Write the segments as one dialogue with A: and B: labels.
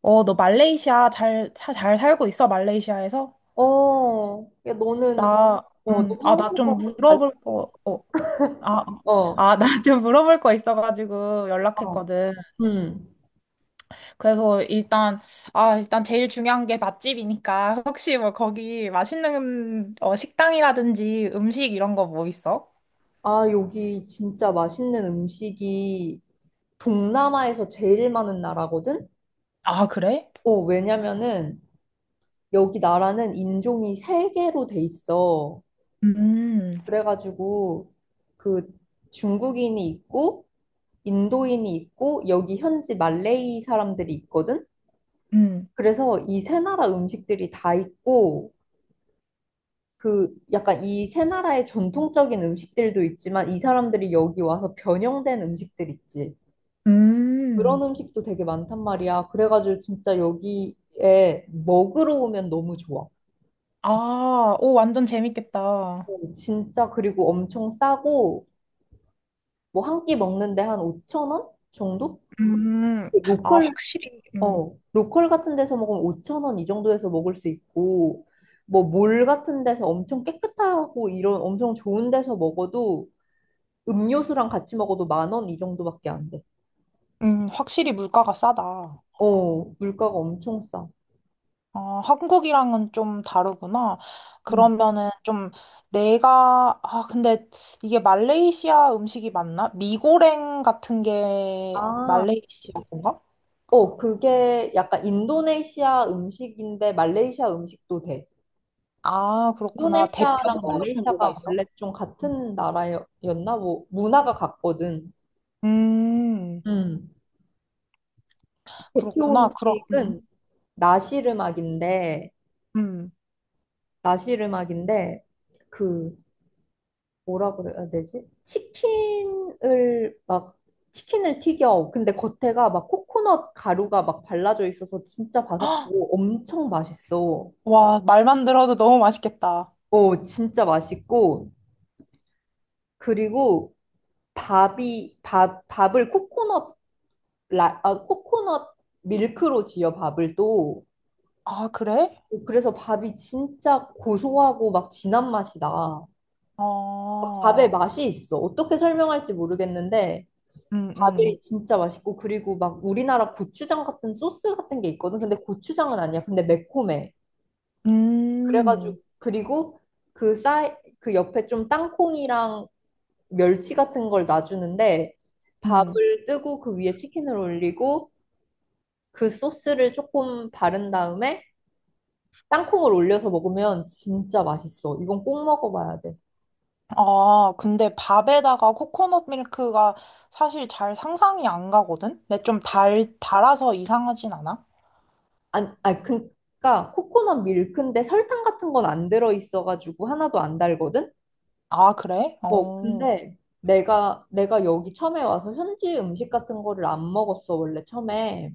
A: 너 말레이시아 잘, 잘 살고 있어, 말레이시아에서?
B: 어, 야, 너는,
A: 나,
B: 어, 너
A: 나 좀
B: 한국에서 잘
A: 물어볼
B: 살고 있어.
A: 거, 어, 아, 어.
B: 어,
A: 아, 나 좀 물어볼 거 있어가지고
B: 어,
A: 연락했거든.
B: 음.
A: 그래서 일단, 아, 일단 제일 중요한 게 맛집이니까 혹시 뭐 거기 맛있는 식당이라든지 음식 이런 거 뭐 있어?
B: 아, 여기 진짜 맛있는 음식이 동남아에서 제일 많은 나라거든?
A: 아, 그래?
B: 어, 왜냐면은 여기 나라는 인종이 세개로돼 있어.
A: 음,
B: 그래가지고 그 중국인이 있고, 인도인이 있고, 여기 현지 말레이 사람들이 있거든?
A: 음,
B: 그래서 이 세 나라 음식들이 다 있고, 그 약간 이 세 나라의 전통적인 음식들도 있지만 이 사람들이 여기 와서 변형된 음식들 있지. 그런
A: 음.
B: 음식도 되게 많단 말이야. 그래가지고 진짜 여기에 먹으러 오면 너무 좋아.
A: 아, 오, 완전 재밌겠다.
B: 어, 진짜 그리고 엄청 싸고 뭐 한 끼 먹는데 한 5천 원 정도?
A: 음,
B: 그
A: 아,
B: 로컬
A: 확실히. 음.
B: 어 로컬 같은 데서 먹으면 5천 원 이 정도에서 먹을 수 있고 뭐 몰 같은 데서 엄청 깨끗하고 이런 엄청 좋은 데서 먹어도 음료수랑 같이 먹어도 만원 이 정도밖에 안 돼.
A: 확실히 물가가 싸다.
B: 어, 물가가 엄청 싸.
A: 어, 한국이랑은 좀 다르구나.
B: 음.
A: 그러면은 좀 내가, 아, 근데 이게 말레이시아 음식이 맞나? 미고랭 같은 게
B: 아,
A: 말레이시아 건가?
B: 어, 그게 약간 인도네시아 음식인데 말레이시아 음식도 돼.
A: 아, 그렇구나.
B: 인도네시아랑
A: 대표에는 뭐가
B: 말레이시아가
A: 있어?
B: 원래 좀 같은 나라였나? 뭐, 문화가 같거든.
A: 음,
B: 음. 대표
A: 그렇구나. 그럼,
B: 음식은 나시르막인데,
A: 음.
B: 나시르막인데, 그, 뭐라 그래야 되지? 치킨을 튀겨. 근데 겉에가 막 코코넛 가루가 막 발라져 있어서 진짜
A: 헉,
B: 바삭하고 엄청 맛있어.
A: 와, 말만 들어도 너무 맛있겠다.
B: 어, 진짜 맛있고 그리고 밥이 밥 밥을 코코넛 라, 아, 코코넛 밀크로 지어 밥을 또
A: 아, 그래?
B: 그래서 밥이 진짜 고소하고 막 진한 맛이 나. 밥에
A: 어,
B: 맛이 있어. 어떻게 설명할지 모르겠는데
A: 음, 음,
B: 밥이 진짜 맛있고 그리고 막 우리나라 고추장 같은 소스 같은 게 있거든. 근데 고추장은 아니야. 근데 매콤해.
A: 음,
B: 그래가지고 그리고 그 쌀 그 옆에 좀 땅콩이랑 멸치 같은 걸 놔주는데
A: 음.
B: 밥을 뜨고 그 위에 치킨을 올리고 그 소스를 조금 바른 다음에 땅콩을 올려서 먹으면 진짜 맛있어. 이건 꼭 먹어봐야 돼.
A: 아, 근데 밥에다가 코코넛 밀크가 사실 잘 상상이 안 가거든? 근데 좀 달, 달아서 이상하진 않아?
B: 안, 아, 그러니까 코코넛 밀크인데 설탕 같은 건 안 들어있어가지고 하나도 안 달거든.
A: 아, 그래?
B: 어,
A: 어,
B: 근데 내가 여기 처음에 와서 현지 음식 같은 거를 안 먹었어, 원래 처음에.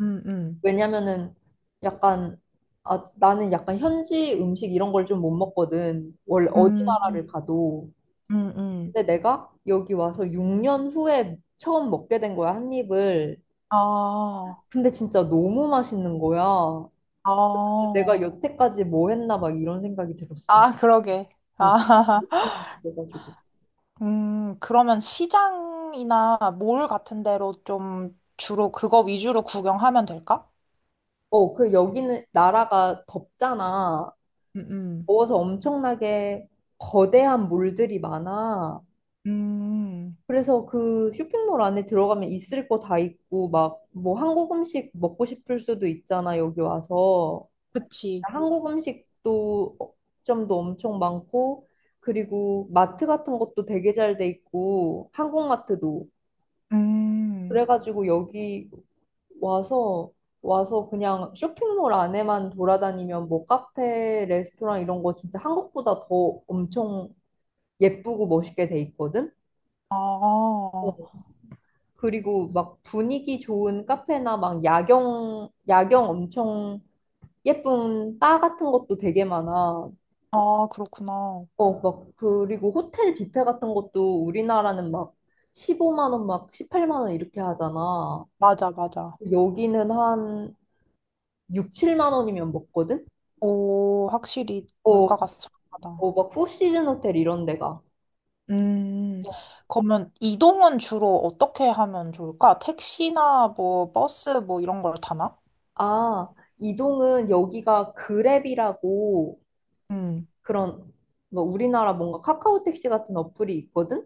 A: 음, 음,
B: 왜냐면은 약간, 나는 약간 현지 음식 이런 걸 좀 못 먹거든. 원래 어디
A: 음,
B: 나라를 가도.
A: 음, 음.
B: 근데 내가 여기 와서 6년 후에 처음 먹게 된 거야, 한 입을.
A: 아,
B: 근데 진짜 너무 맛있는 거야.
A: 아,
B: 내가 여태까지 뭐 했나 막 이런 생각이 들었어.
A: 아, 그러게.
B: 뭐,
A: 아,
B: 그래가지고.
A: 그러면 시장이나 몰 같은 데로 좀 주로 그거 위주로 구경하면 될까?
B: 어, 그 여기는 나라가 덥잖아.
A: 음,
B: 더워서 엄청나게 거대한 몰들이 많아.
A: 음, 음,
B: 그래서 그 쇼핑몰 안에 들어가면 있을 거 다 있고, 막 뭐 한국 음식 먹고 싶을 수도 있잖아, 여기 와서.
A: 그치.
B: 한국 음식도 점도 엄청 많고, 그리고 마트 같은 것도 되게 잘 돼 있고, 한국 마트도.
A: 음,
B: 그래가지고 여기 와서 그냥 쇼핑몰 안에만 돌아다니면 뭐 카페, 레스토랑 이런 거 진짜 한국보다 더 엄청 예쁘고 멋있게 돼 있거든.
A: 아,
B: 어, 그리고 막 분위기 좋은 카페나 막 야경, 야경 엄청 예쁜 바 같은 것도 되게 많아.
A: 아, 그렇구나.
B: 어, 막, 그리고 호텔 뷔페 같은 것도 우리나라는 막 15만 원, 막 18만 원 이렇게 하잖아.
A: 맞아, 맞아.
B: 여기는 한 6, 7만 원이면 먹거든?
A: 오, 확실히
B: 어,
A: 물가가 싸다.
B: 어, 막 포시즌 호텔 이런 데가.
A: 음, 그러면 이동은 주로 어떻게 하면 좋을까? 택시나 뭐 버스 뭐 이런 걸 타나?
B: 아, 이동은 여기가 그랩이라고
A: 음,
B: 그런 뭐 우리나라 뭔가 카카오 택시 같은 어플이 있거든?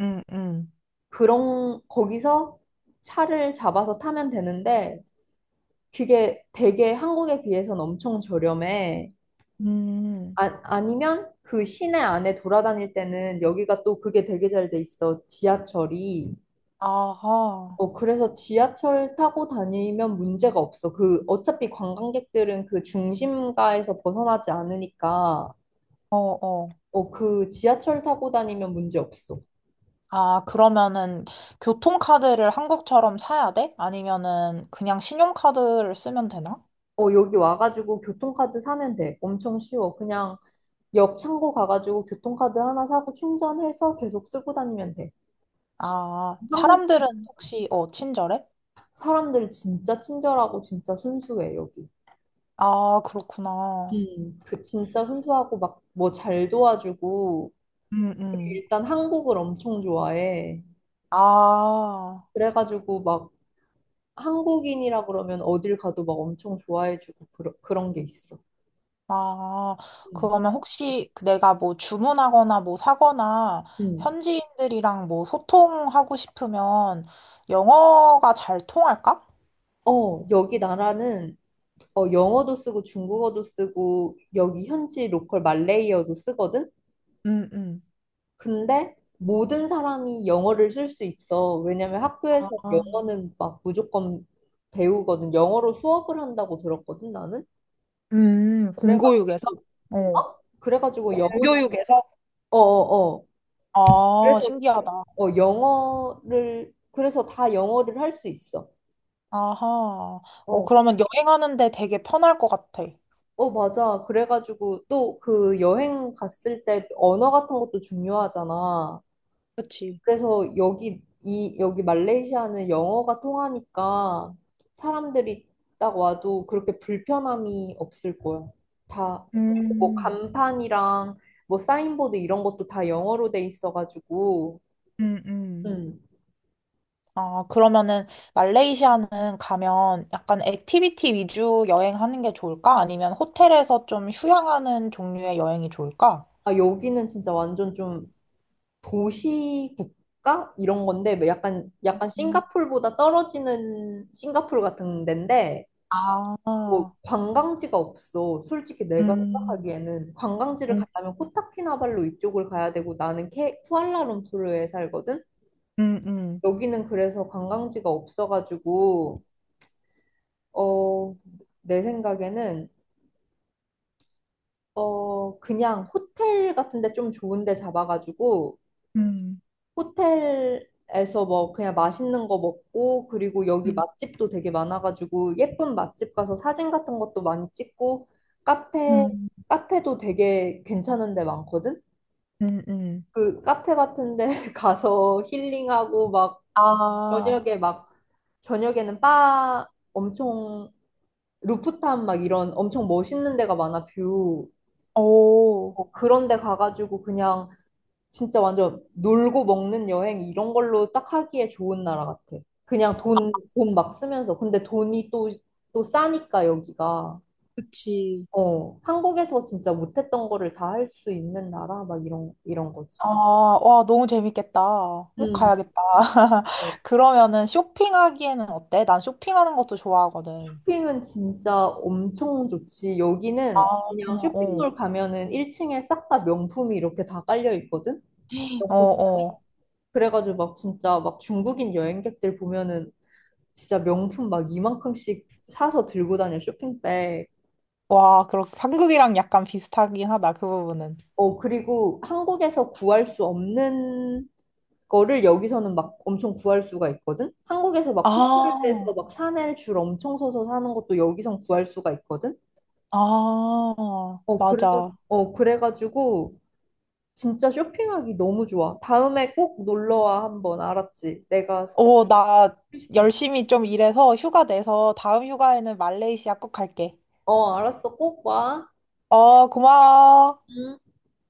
A: 음, 음,
B: 그런 거기서 차를 잡아서 타면 되는데 그게 되게 한국에 비해서는 엄청 저렴해.
A: 음.
B: 아, 아니면 그 시내 안에 돌아다닐 때는 여기가 또 그게 되게 잘 돼 있어. 지하철이.
A: 아하.
B: 어, 그래서 지하철 타고 다니면 문제가 없어. 그 어차피 관광객들은 그 중심가에서 벗어나지 않으니까
A: 어, 어.
B: 어, 그 지하철 타고 다니면 문제 없어.
A: 아, 그러면은 교통카드를 한국처럼 사야 돼? 아니면은 그냥 신용카드를 쓰면 되나?
B: 어, 여기 와가지고 교통카드 사면 돼. 엄청 쉬워. 그냥 역 창구 가가지고 교통카드 하나 사고 충전해서 계속 쓰고 다니면 돼.
A: 아,
B: 한국
A: 사람들은 혹시 친절해?
B: 사람들 진짜 친절하고 진짜 순수해, 여기.
A: 아, 그렇구나.
B: 음. 그 진짜 순수하고 막 뭐 잘 도와주고
A: 음, 음.
B: 일단 한국을 엄청 좋아해.
A: 아.
B: 그래가지고 막 한국인이라 그러면 어딜 가도 막 엄청 좋아해주고 그런 그런 게 있어.
A: 아,
B: 음.
A: 그러면 혹시 그 내가 뭐 주문하거나 뭐 사거나
B: 음.
A: 현지인들이랑 뭐 소통하고 싶으면 영어가 잘 통할까?
B: 어, 여기 나라는 어, 영어도 쓰고 중국어도 쓰고 여기 현지 로컬 말레이어도 쓰거든?
A: 음, 음.
B: 근데 모든 사람이 영어를 쓸 수 있어. 왜냐면 학교에서
A: 아,
B: 영어는 막 무조건 배우거든. 영어로 수업을 한다고 들었거든, 나는. 그래가지고,
A: 공교육에서? 어.
B: 어? 그래가지고 영어는,
A: 공교육에서?
B: 어어어.
A: 아,
B: 그래서,
A: 신기하다.
B: 어, 그래서 다 영어를 할 수 있어.
A: 아하. 어,
B: 어.
A: 그러면 여행하는데 되게 편할 것 같아.
B: 어, 맞아. 그래가지고 또 그 여행 갔을 때 언어 같은 것도 중요하잖아.
A: 그치?
B: 그래서 여기 말레이시아는 영어가 통하니까 사람들이 딱 와도 그렇게 불편함이 없을 거야. 다 그리고 뭐
A: 음.
B: 간판이랑 뭐 사인보드 이런 것도 다 영어로 돼 있어가지고
A: 음, 음.
B: 음.
A: 아, 그러면은 말레이시아는 가면 약간 액티비티 위주 여행하는 게 좋을까? 아니면 호텔에서 좀 휴양하는 종류의 여행이 좋을까?
B: 아 여기는 진짜 완전 좀 도시 국가 이런 건데 뭐 약간
A: 음.
B: 싱가폴보다 떨어지는 싱가폴 같은 데인데 뭐
A: 아,
B: 관광지가 없어. 솔직히 내가
A: 음,
B: 생각하기에는 관광지를
A: 음,
B: 가려면 코타키나발루 이쪽을 가야 되고 나는 쿠알라룸푸르에 살거든.
A: 음, 음,
B: 여기는 그래서 관광지가 없어가지고 어, 내 생각에는 어, 그냥 호텔 같은 데 좀 좋은 데 잡아가지고
A: 음,
B: 호텔에서 뭐 그냥 맛있는 거 먹고 그리고 여기
A: 음,
B: 맛집도 되게 많아가지고 예쁜 맛집 가서 사진 같은 것도 많이 찍고 카페
A: 음,
B: 카페도 되게 괜찮은 데 많거든.
A: 음, 음.
B: 그 카페 같은 데 가서 힐링하고 막
A: 아,
B: 저녁에 막 저녁에는 바 엄청 루프탑 막 이런 엄청 멋있는 데가 많아 뷰.
A: 오.
B: 어, 그런 데 가가지고 그냥 진짜 완전 놀고 먹는 여행 이런 걸로 딱 하기에 좋은 나라 같아. 그냥 돈, 돈 막 쓰면서. 근데 돈이 또, 또 싸니까 여기가.
A: 그치.
B: 어, 한국에서 진짜 못했던 거를 다 할 수 있는 나라? 막 이런, 이런 거지.
A: 아, 와, 너무 재밌겠다. 꼭
B: 음.
A: 가야겠다.
B: 어,
A: 그러면은 쇼핑하기에는 어때? 난 쇼핑하는 것도 좋아하거든.
B: 쇼핑은 진짜 엄청 좋지.
A: 아,
B: 여기는 그냥
A: 어,
B: 쇼핑몰 가면은 1층에 싹 다 명품이 이렇게 다 깔려 있거든?
A: 어, 어.
B: 그래가지고 막 진짜 막 중국인 여행객들 보면은 진짜 명품 막 이만큼씩 사서 들고 다녀 쇼핑백.
A: 와, 그렇 한국이랑 약간 비슷하긴 하다, 그 부분은.
B: 어, 그리고 한국에서 구할 수 없는 거를 여기서는 막 엄청 구할 수가 있거든? 한국에서 막
A: 아,
B: 풋볼드에서 막 샤넬 줄 엄청 서서 사는 것도 여기선 구할 수가 있거든?
A: 아,
B: 어, 그래,
A: 맞아.
B: 그래가지고 진짜 쇼핑하기 너무 좋아. 다음에 꼭 놀러와 한번 알았지? 내가
A: 오, 나
B: 소개시켜줄게.
A: 열심히 좀 일해서 휴가 내서 다음 휴가에는 말레이시아 꼭 갈게.
B: 어, 알았어. 꼭 와.
A: 어, 고마워.
B: 음.